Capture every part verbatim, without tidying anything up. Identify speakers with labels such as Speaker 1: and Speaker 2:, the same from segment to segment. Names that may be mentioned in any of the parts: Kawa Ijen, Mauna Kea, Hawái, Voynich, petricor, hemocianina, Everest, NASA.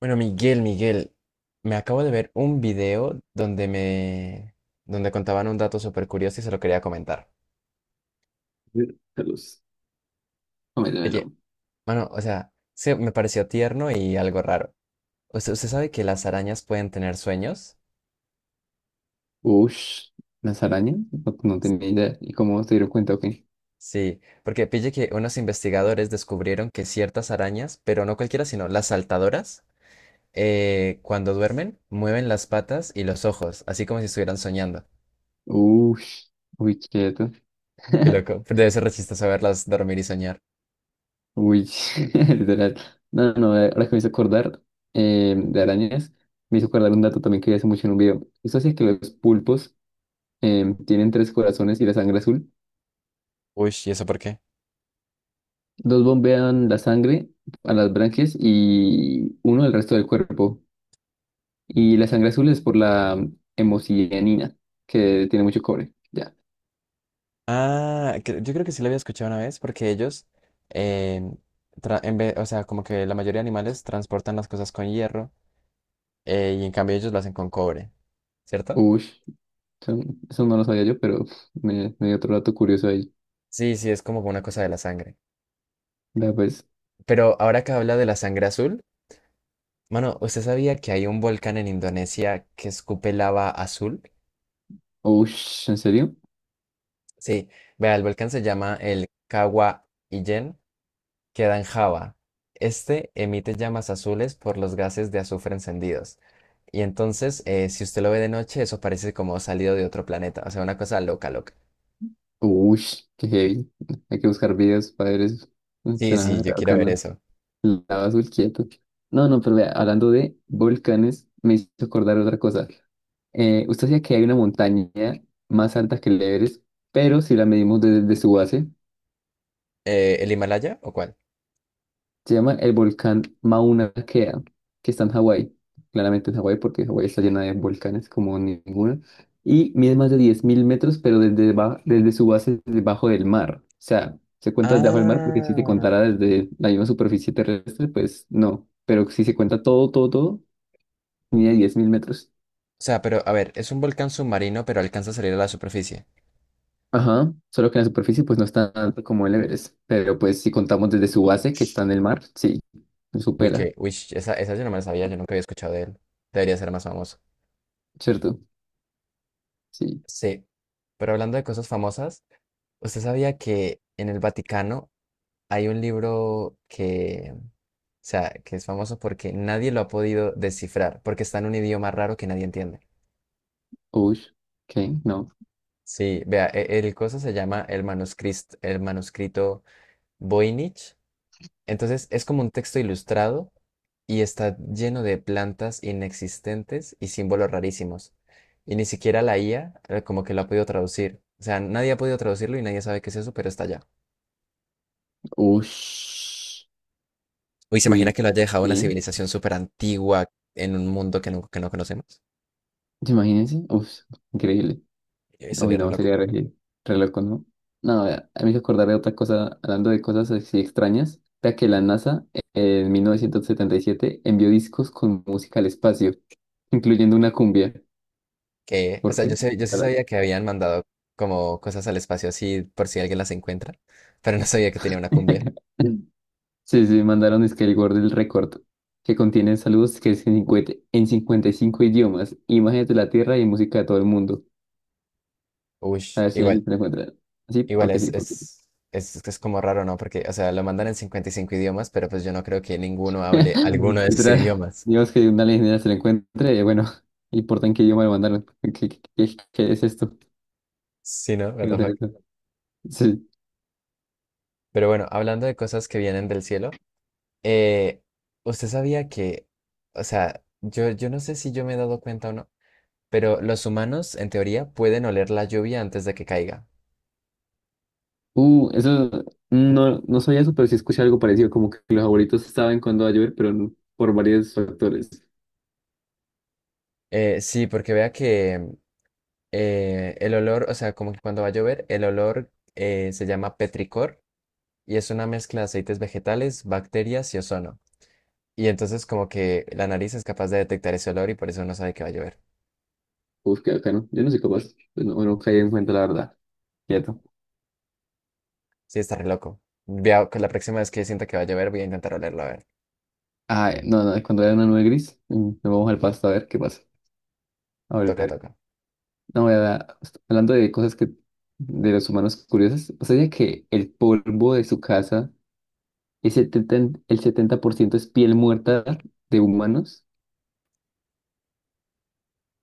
Speaker 1: Bueno, Miguel, Miguel, me acabo de ver un video donde me, donde contaban un dato súper curioso y se lo quería comentar.
Speaker 2: Saludos. Cométemelo.
Speaker 1: Oye, mano, o sea, sí, me pareció tierno y algo raro. ¿Usted, usted sabe que las arañas pueden tener sueños?
Speaker 2: Ush, las arañas, no, no tenía idea. ¿Y cómo se dieron cuenta? Ok.
Speaker 1: Sí, porque pille que unos investigadores descubrieron que ciertas arañas, pero no cualquiera, sino las saltadoras, eh, cuando duermen, mueven las patas y los ojos, así como si estuvieran soñando.
Speaker 2: Ush, uy, quieto.
Speaker 1: Qué loco, pero debe ser re chistoso verlas dormir y soñar.
Speaker 2: Uy, literal. No, no, no, eh, ahora que me hizo acordar eh, de arañas, me hizo acordar un dato también que vi hace mucho en un video. Eso es que los pulpos eh, tienen tres corazones y la sangre azul.
Speaker 1: Uy, ¿y eso por qué?
Speaker 2: Dos bombean la sangre a las branquias y uno al resto del cuerpo. Y la sangre azul es por la hemocianina, que tiene mucho cobre. Ya.
Speaker 1: Ah, cre- yo creo que sí lo había escuchado una vez porque ellos, em, tra- en vez, o sea, como que la mayoría de animales transportan las cosas con hierro eh, y en cambio ellos lo hacen con cobre, ¿cierto?
Speaker 2: Uy, eso, eso no lo sabía yo, pero me, me dio otro dato curioso ahí.
Speaker 1: Sí, sí, es como una cosa de la sangre.
Speaker 2: Vea pues,
Speaker 1: Pero ahora que habla de la sangre azul, mano, ¿usted sabía que hay un volcán en Indonesia que escupe lava azul?
Speaker 2: uy, ¿en serio?
Speaker 1: Sí, vea, el volcán se llama el Kawa Ijen, queda en Java. Este emite llamas azules por los gases de azufre encendidos. Y entonces, eh, si usted lo ve de noche, eso parece como salido de otro planeta. O sea, una cosa loca, loca.
Speaker 2: Uy, qué heavy. Hay que buscar videos para ver eso.
Speaker 1: Sí, sí,
Speaker 2: Suena
Speaker 1: yo quiero ver
Speaker 2: bacano.
Speaker 1: eso.
Speaker 2: Lava azul quieto. No, no, pero vea, hablando de volcanes, me hizo acordar otra cosa. Eh, usted decía que hay una montaña más alta que el Everest, pero si la medimos desde su base.
Speaker 1: Eh, ¿el Himalaya o cuál?
Speaker 2: Se llama el volcán Mauna Kea, que está en Hawái. Claramente en Hawái, porque Hawái está llena de volcanes como ninguna. Y mide más de diez mil metros, pero desde, ba- desde su base, debajo del mar. O sea, se cuenta debajo del mar, porque si se
Speaker 1: Ah.
Speaker 2: contara desde la misma superficie terrestre, pues no. Pero si se cuenta todo, todo, todo, mide diez mil metros.
Speaker 1: O sea, pero a ver, es un volcán submarino, pero alcanza a salir a la superficie.
Speaker 2: Ajá, solo que en la superficie pues no está tanto como el Everest, pero pues si contamos desde su base que
Speaker 1: Ush.
Speaker 2: está en el mar, sí, lo
Speaker 1: Uy,
Speaker 2: supera,
Speaker 1: que, uy, esa, esa yo no me la sabía, yo nunca había escuchado de él. Debería ser más famoso.
Speaker 2: ¿cierto? Sí,
Speaker 1: Sí. Pero hablando de cosas famosas, ¿usted sabía que en el Vaticano hay un libro que, o sea, que es famoso porque nadie lo ha podido descifrar, porque está en un idioma raro que nadie entiende?
Speaker 2: uy, ok, no.
Speaker 1: Sí, vea, e- el coso se llama el manuscrito, el manuscrito Voynich. Entonces es como un texto ilustrado y está lleno de plantas inexistentes y símbolos rarísimos. Y ni siquiera la ia eh, como que lo ha podido traducir. O sea, nadie ha podido traducirlo y nadie sabe qué es eso, pero está allá.
Speaker 2: Ush,
Speaker 1: Uy, ¿se imagina
Speaker 2: uy,
Speaker 1: que lo haya dejado una
Speaker 2: ¿qué?
Speaker 1: civilización súper antigua en un mundo que no, que no conocemos?
Speaker 2: Imagínense, uff, increíble.
Speaker 1: Eh,
Speaker 2: Uy,
Speaker 1: Estaría
Speaker 2: no,
Speaker 1: reloj.
Speaker 2: sería re, re loco, ¿no? No, vea, a mí me hizo acordar de otra cosa, hablando de cosas así extrañas. Vea que la NASA eh, en mil novecientos setenta y siete envió discos con música al espacio, incluyendo una cumbia.
Speaker 1: Que, o
Speaker 2: ¿Por
Speaker 1: sea,
Speaker 2: qué?
Speaker 1: yo, sé- yo sí
Speaker 2: Para-
Speaker 1: sabía que habían mandado como cosas al espacio así por si alguien las encuentra, pero no sabía que tenía una cumbia.
Speaker 2: Sí, sí, mandaron es que el gordo del récord, que contiene saludos que es en cincuenta en cincuenta y cinco idiomas, imágenes de la Tierra y música de todo el mundo.
Speaker 1: Uy,
Speaker 2: A ver si alguien
Speaker 1: igual,
Speaker 2: se la encuentra. Sí,
Speaker 1: igual
Speaker 2: porque
Speaker 1: es,
Speaker 2: sí, porque sí.
Speaker 1: es, es, es como raro, ¿no? Porque, o sea, lo mandan en cincuenta y cinco idiomas, pero pues yo no creo que ninguno hable alguno de esos
Speaker 2: Literal,
Speaker 1: idiomas.
Speaker 2: digamos que una alienígena se la encuentre, eh, bueno, importa en qué idioma lo mandaron. ¿Qué, qué, qué- qué es esto?
Speaker 1: Sí, ¿no? What
Speaker 2: ¿Qué va a
Speaker 1: the
Speaker 2: ser
Speaker 1: fuck.
Speaker 2: esto? Sí.
Speaker 1: Pero bueno, hablando de cosas que vienen del cielo, eh, ¿usted sabía que, o sea, yo, yo no sé si yo me he dado cuenta o no, pero los humanos, en teoría, pueden oler la lluvia antes de que caiga?
Speaker 2: Uh, eso, no, no sabía eso, pero sí escuché algo parecido, como que los abuelitos saben cuándo va a llover, pero no- por varios factores.
Speaker 1: Eh, sí, porque vea que eh, el olor, o sea, como que cuando va a llover, el olor eh, se llama petricor y es una mezcla de aceites vegetales, bacterias y ozono. Y entonces como que la nariz es capaz de detectar ese olor y por eso no sabe que va a llover.
Speaker 2: Uf, qué bacano. Yo no soy capaz, pues no, no caí en cuenta, la verdad. Quieto.
Speaker 1: Sí, está re loco. Vea, que la próxima vez que sienta que va a llover, voy a intentar olerlo, a ver.
Speaker 2: Ah, eh, no, no, cuando era una nube gris, mm, nos vamos al pasto a ver qué pasa. A
Speaker 1: Toca,
Speaker 2: ver.
Speaker 1: toca.
Speaker 2: No, la verdad, hablando de cosas que de los humanos curiosas, o sea, que el polvo de su casa, el setenta, en- el setenta por ciento es piel muerta de humanos.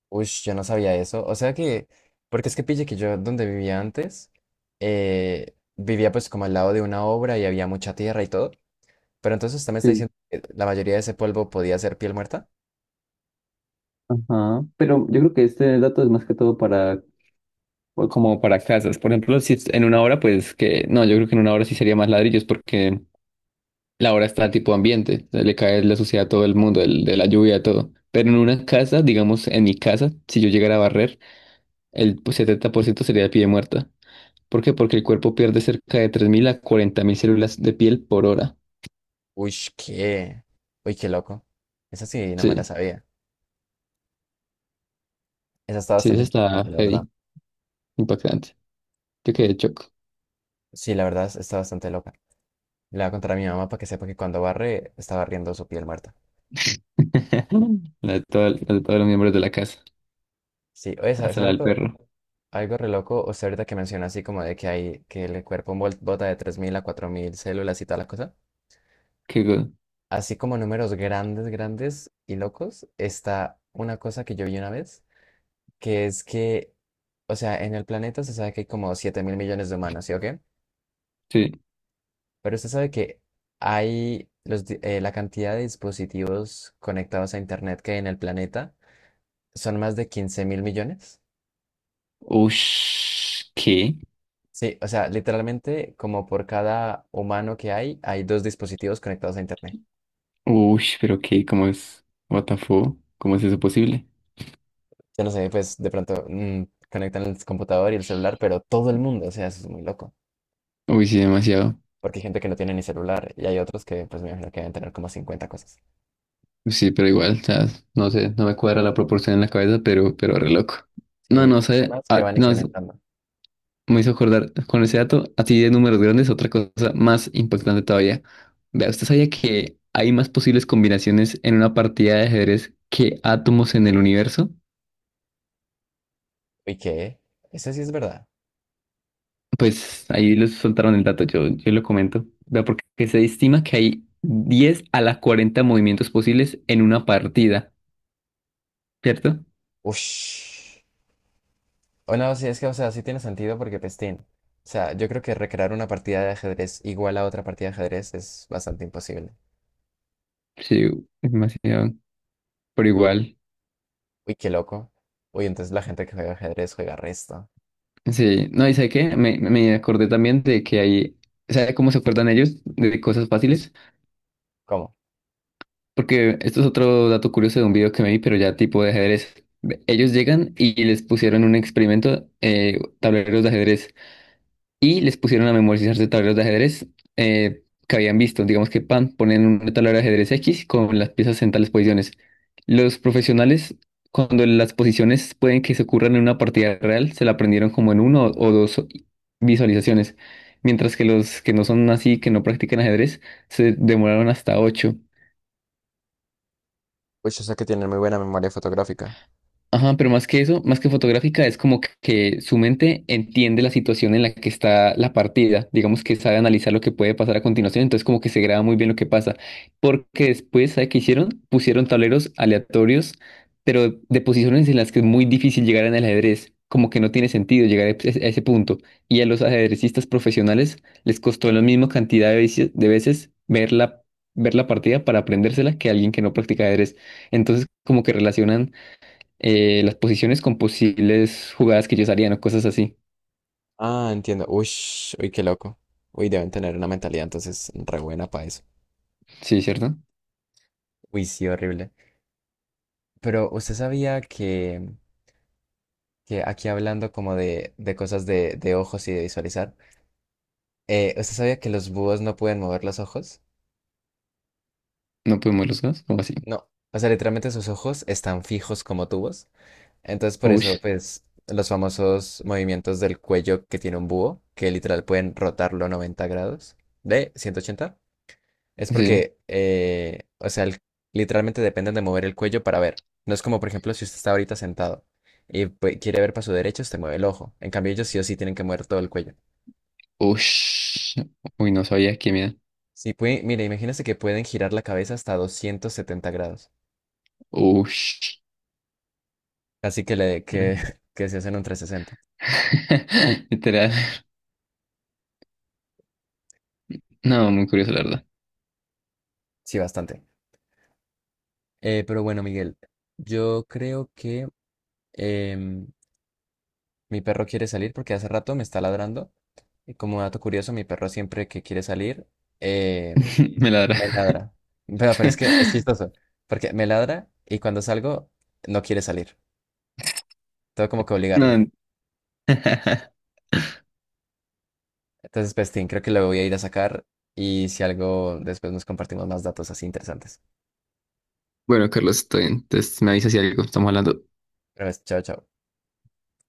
Speaker 1: Uy, yo no sabía eso. O sea que, porque es que pille que yo donde vivía antes, eh, vivía pues como al lado de una obra y había mucha tierra y todo. Pero entonces usted me está
Speaker 2: Sí.
Speaker 1: diciendo que la mayoría de ese polvo podía ser piel muerta.
Speaker 2: Ajá. Pero yo creo que este dato es más que todo para, o como para casas. Por ejemplo, si es en una hora, pues que, no, yo creo que en una hora sí sería más ladrillos porque la hora está tipo ambiente, o sea, le cae la suciedad a todo el mundo, el- de la lluvia, todo. Pero en una casa, digamos, en mi casa, si yo llegara a barrer, el pues, setenta por ciento sería de piel muerta. ¿Por qué? Porque el cuerpo pierde cerca de tres mil a cuarenta mil células de piel por hora.
Speaker 1: Uy, qué. Uy, qué loco. Esa sí, no me la
Speaker 2: Sí,
Speaker 1: sabía. Esa está
Speaker 2: sí, eso
Speaker 1: bastante
Speaker 2: está
Speaker 1: interesante, la verdad.
Speaker 2: heavy, impactante. Yo quedé choco.
Speaker 1: Sí, la verdad está bastante loca. Le voy a contar a mi mamá para que sepa que cuando barre, está barriendo su piel muerta.
Speaker 2: La de todo- la de todos los miembros de la casa,
Speaker 1: Sí, oye, ¿sabes
Speaker 2: hasta la del
Speaker 1: algo,
Speaker 2: perro.
Speaker 1: algo re loco? O sea, ahorita que menciona así como de que hay que el cuerpo vol- bota de tres mil a cuatro mil células y tal la cosa.
Speaker 2: Qué go-
Speaker 1: Así como números grandes, grandes y locos, está una cosa que yo vi una vez, que es que, o sea, en el planeta se sabe que hay como siete mil millones de humanos, ¿sí o qué?
Speaker 2: Sí.
Speaker 1: Pero usted sabe que hay los, di- eh, la cantidad de dispositivos conectados a Internet que hay en el planeta son más de quince mil millones.
Speaker 2: Ush, ¿qué?
Speaker 1: Sí, o sea, literalmente como por cada humano que hay, hay dos dispositivos conectados a Internet.
Speaker 2: Ush, pero qué, ¿cómo es? What the fuck? ¿Cómo es eso posible?
Speaker 1: Yo no sé, pues de pronto mm, conectan el computador y el celular, pero todo el mundo, o sea, eso es muy loco.
Speaker 2: Uy, sí, demasiado.
Speaker 1: Porque hay gente que no tiene ni celular y hay otros que pues me imagino que deben tener como cincuenta cosas.
Speaker 2: Sí, pero igual, o sea, no sé, no me cuadra la proporción en la cabeza, pero, pero re loco. No,
Speaker 1: Y
Speaker 2: no sé,
Speaker 1: temas que
Speaker 2: ah,
Speaker 1: van
Speaker 2: no,
Speaker 1: incrementando.
Speaker 2: me hizo acordar con ese dato, así de números grandes, otra cosa más impactante todavía. Vea, ¿usted sabía que hay más posibles combinaciones en una partida de ajedrez que átomos en el universo?
Speaker 1: ¿Y qué? Eso sí es verdad.
Speaker 2: Pues ahí les soltaron el dato, yo, yo lo comento. Vea, porque se estima que hay diez a la cuarenta movimientos posibles en una partida, ¿cierto?
Speaker 1: Ush. O no, sí, es que, o sea, sí tiene sentido porque pestín. O sea, yo creo que recrear una partida de ajedrez igual a otra partida de ajedrez es bastante imposible.
Speaker 2: Sí, es demasiado, pero igual.
Speaker 1: Uy, qué loco. Uy, entonces la gente que juega ajedrez juega resto.
Speaker 2: Sí, no, ¿y sabe qué? Me, me acordé también de que hay, ¿sabe cómo se acuerdan ellos de cosas fáciles?
Speaker 1: ¿Cómo?
Speaker 2: Porque esto es otro dato curioso de un video que me vi, pero ya tipo de ajedrez. Ellos llegan y les pusieron un experimento, eh, tableros de ajedrez, y les pusieron a memorizarse tableros de ajedrez eh, que habían visto. Digamos que pan, ponen un tablero de ajedrez X con las piezas en tales posiciones. Los profesionales, cuando las posiciones pueden que se ocurran en una partida real, se la aprendieron como en uno o dos visualizaciones. Mientras que los que no son así, que no practican ajedrez, se demoraron hasta ocho.
Speaker 1: Uy, o sea que tienen muy buena memoria fotográfica.
Speaker 2: Ajá, pero más que eso, más que fotográfica, es como que que su mente entiende la situación en la que está la partida, digamos que sabe analizar lo que puede pasar a continuación, entonces como que se graba muy bien lo que pasa, porque después, ¿sabe qué hicieron? Pusieron tableros aleatorios, pero de posiciones en las que es muy difícil llegar en el ajedrez, como que no tiene sentido llegar a ese a ese punto, y a los ajedrecistas profesionales les costó la misma cantidad de veces, de veces ver la, ver la partida para aprendérsela que a alguien que no practica ajedrez, entonces como que relacionan eh, las posiciones con posibles jugadas que ellos harían o cosas así.
Speaker 1: Ah, entiendo. Uy, uy, qué loco. Uy, deben tener una mentalidad entonces re buena para eso.
Speaker 2: Sí, ¿cierto?
Speaker 1: Uy, sí, horrible. Pero usted sabía que, que aquí hablando como de, de cosas de, de ojos y de visualizar, eh, ¿usted sabía que los búhos no pueden mover los ojos?
Speaker 2: No podemos los dos, como así.
Speaker 1: No. O sea, literalmente sus ojos están fijos como tubos. Entonces, por eso,
Speaker 2: Ush,
Speaker 1: pues, los famosos movimientos del cuello que tiene un búho, que literal pueden rotarlo noventa grados, de ciento ochenta. Es
Speaker 2: sí.
Speaker 1: porque, eh, o sea, el- literalmente dependen de mover el cuello para ver. No es como, por ejemplo, si usted está ahorita sentado y pues, quiere ver para su derecha, usted mueve el ojo. En cambio, ellos sí o sí tienen que mover todo el cuello.
Speaker 2: Ush. Uy, no sabía qué miedo.
Speaker 1: Sí, puede, mire, imagínese que pueden girar la cabeza hasta doscientos setenta grados.
Speaker 2: Ush.
Speaker 1: Así que, le, que,
Speaker 2: Re-
Speaker 1: que se hacen un trescientos sesenta.
Speaker 2: Literal. No, muy curioso, la verdad.
Speaker 1: Sí, bastante. Eh, pero bueno, Miguel, yo creo que em, mi perro quiere salir porque hace rato me está ladrando. Y como dato curioso, mi perro siempre que quiere salir, em,
Speaker 2: Me ladra.
Speaker 1: me ladra. Pero, pero es que es chistoso. Porque me ladra y cuando salgo no quiere salir. Tengo como que obligarlo.
Speaker 2: No.
Speaker 1: Entonces, Pestín, creo que lo voy a ir a sacar y si algo, después nos compartimos más datos así interesantes.
Speaker 2: Bueno, Carlos, estoy bien. Entonces me avisas si algo estamos hablando.
Speaker 1: Pero pues, chao, chao.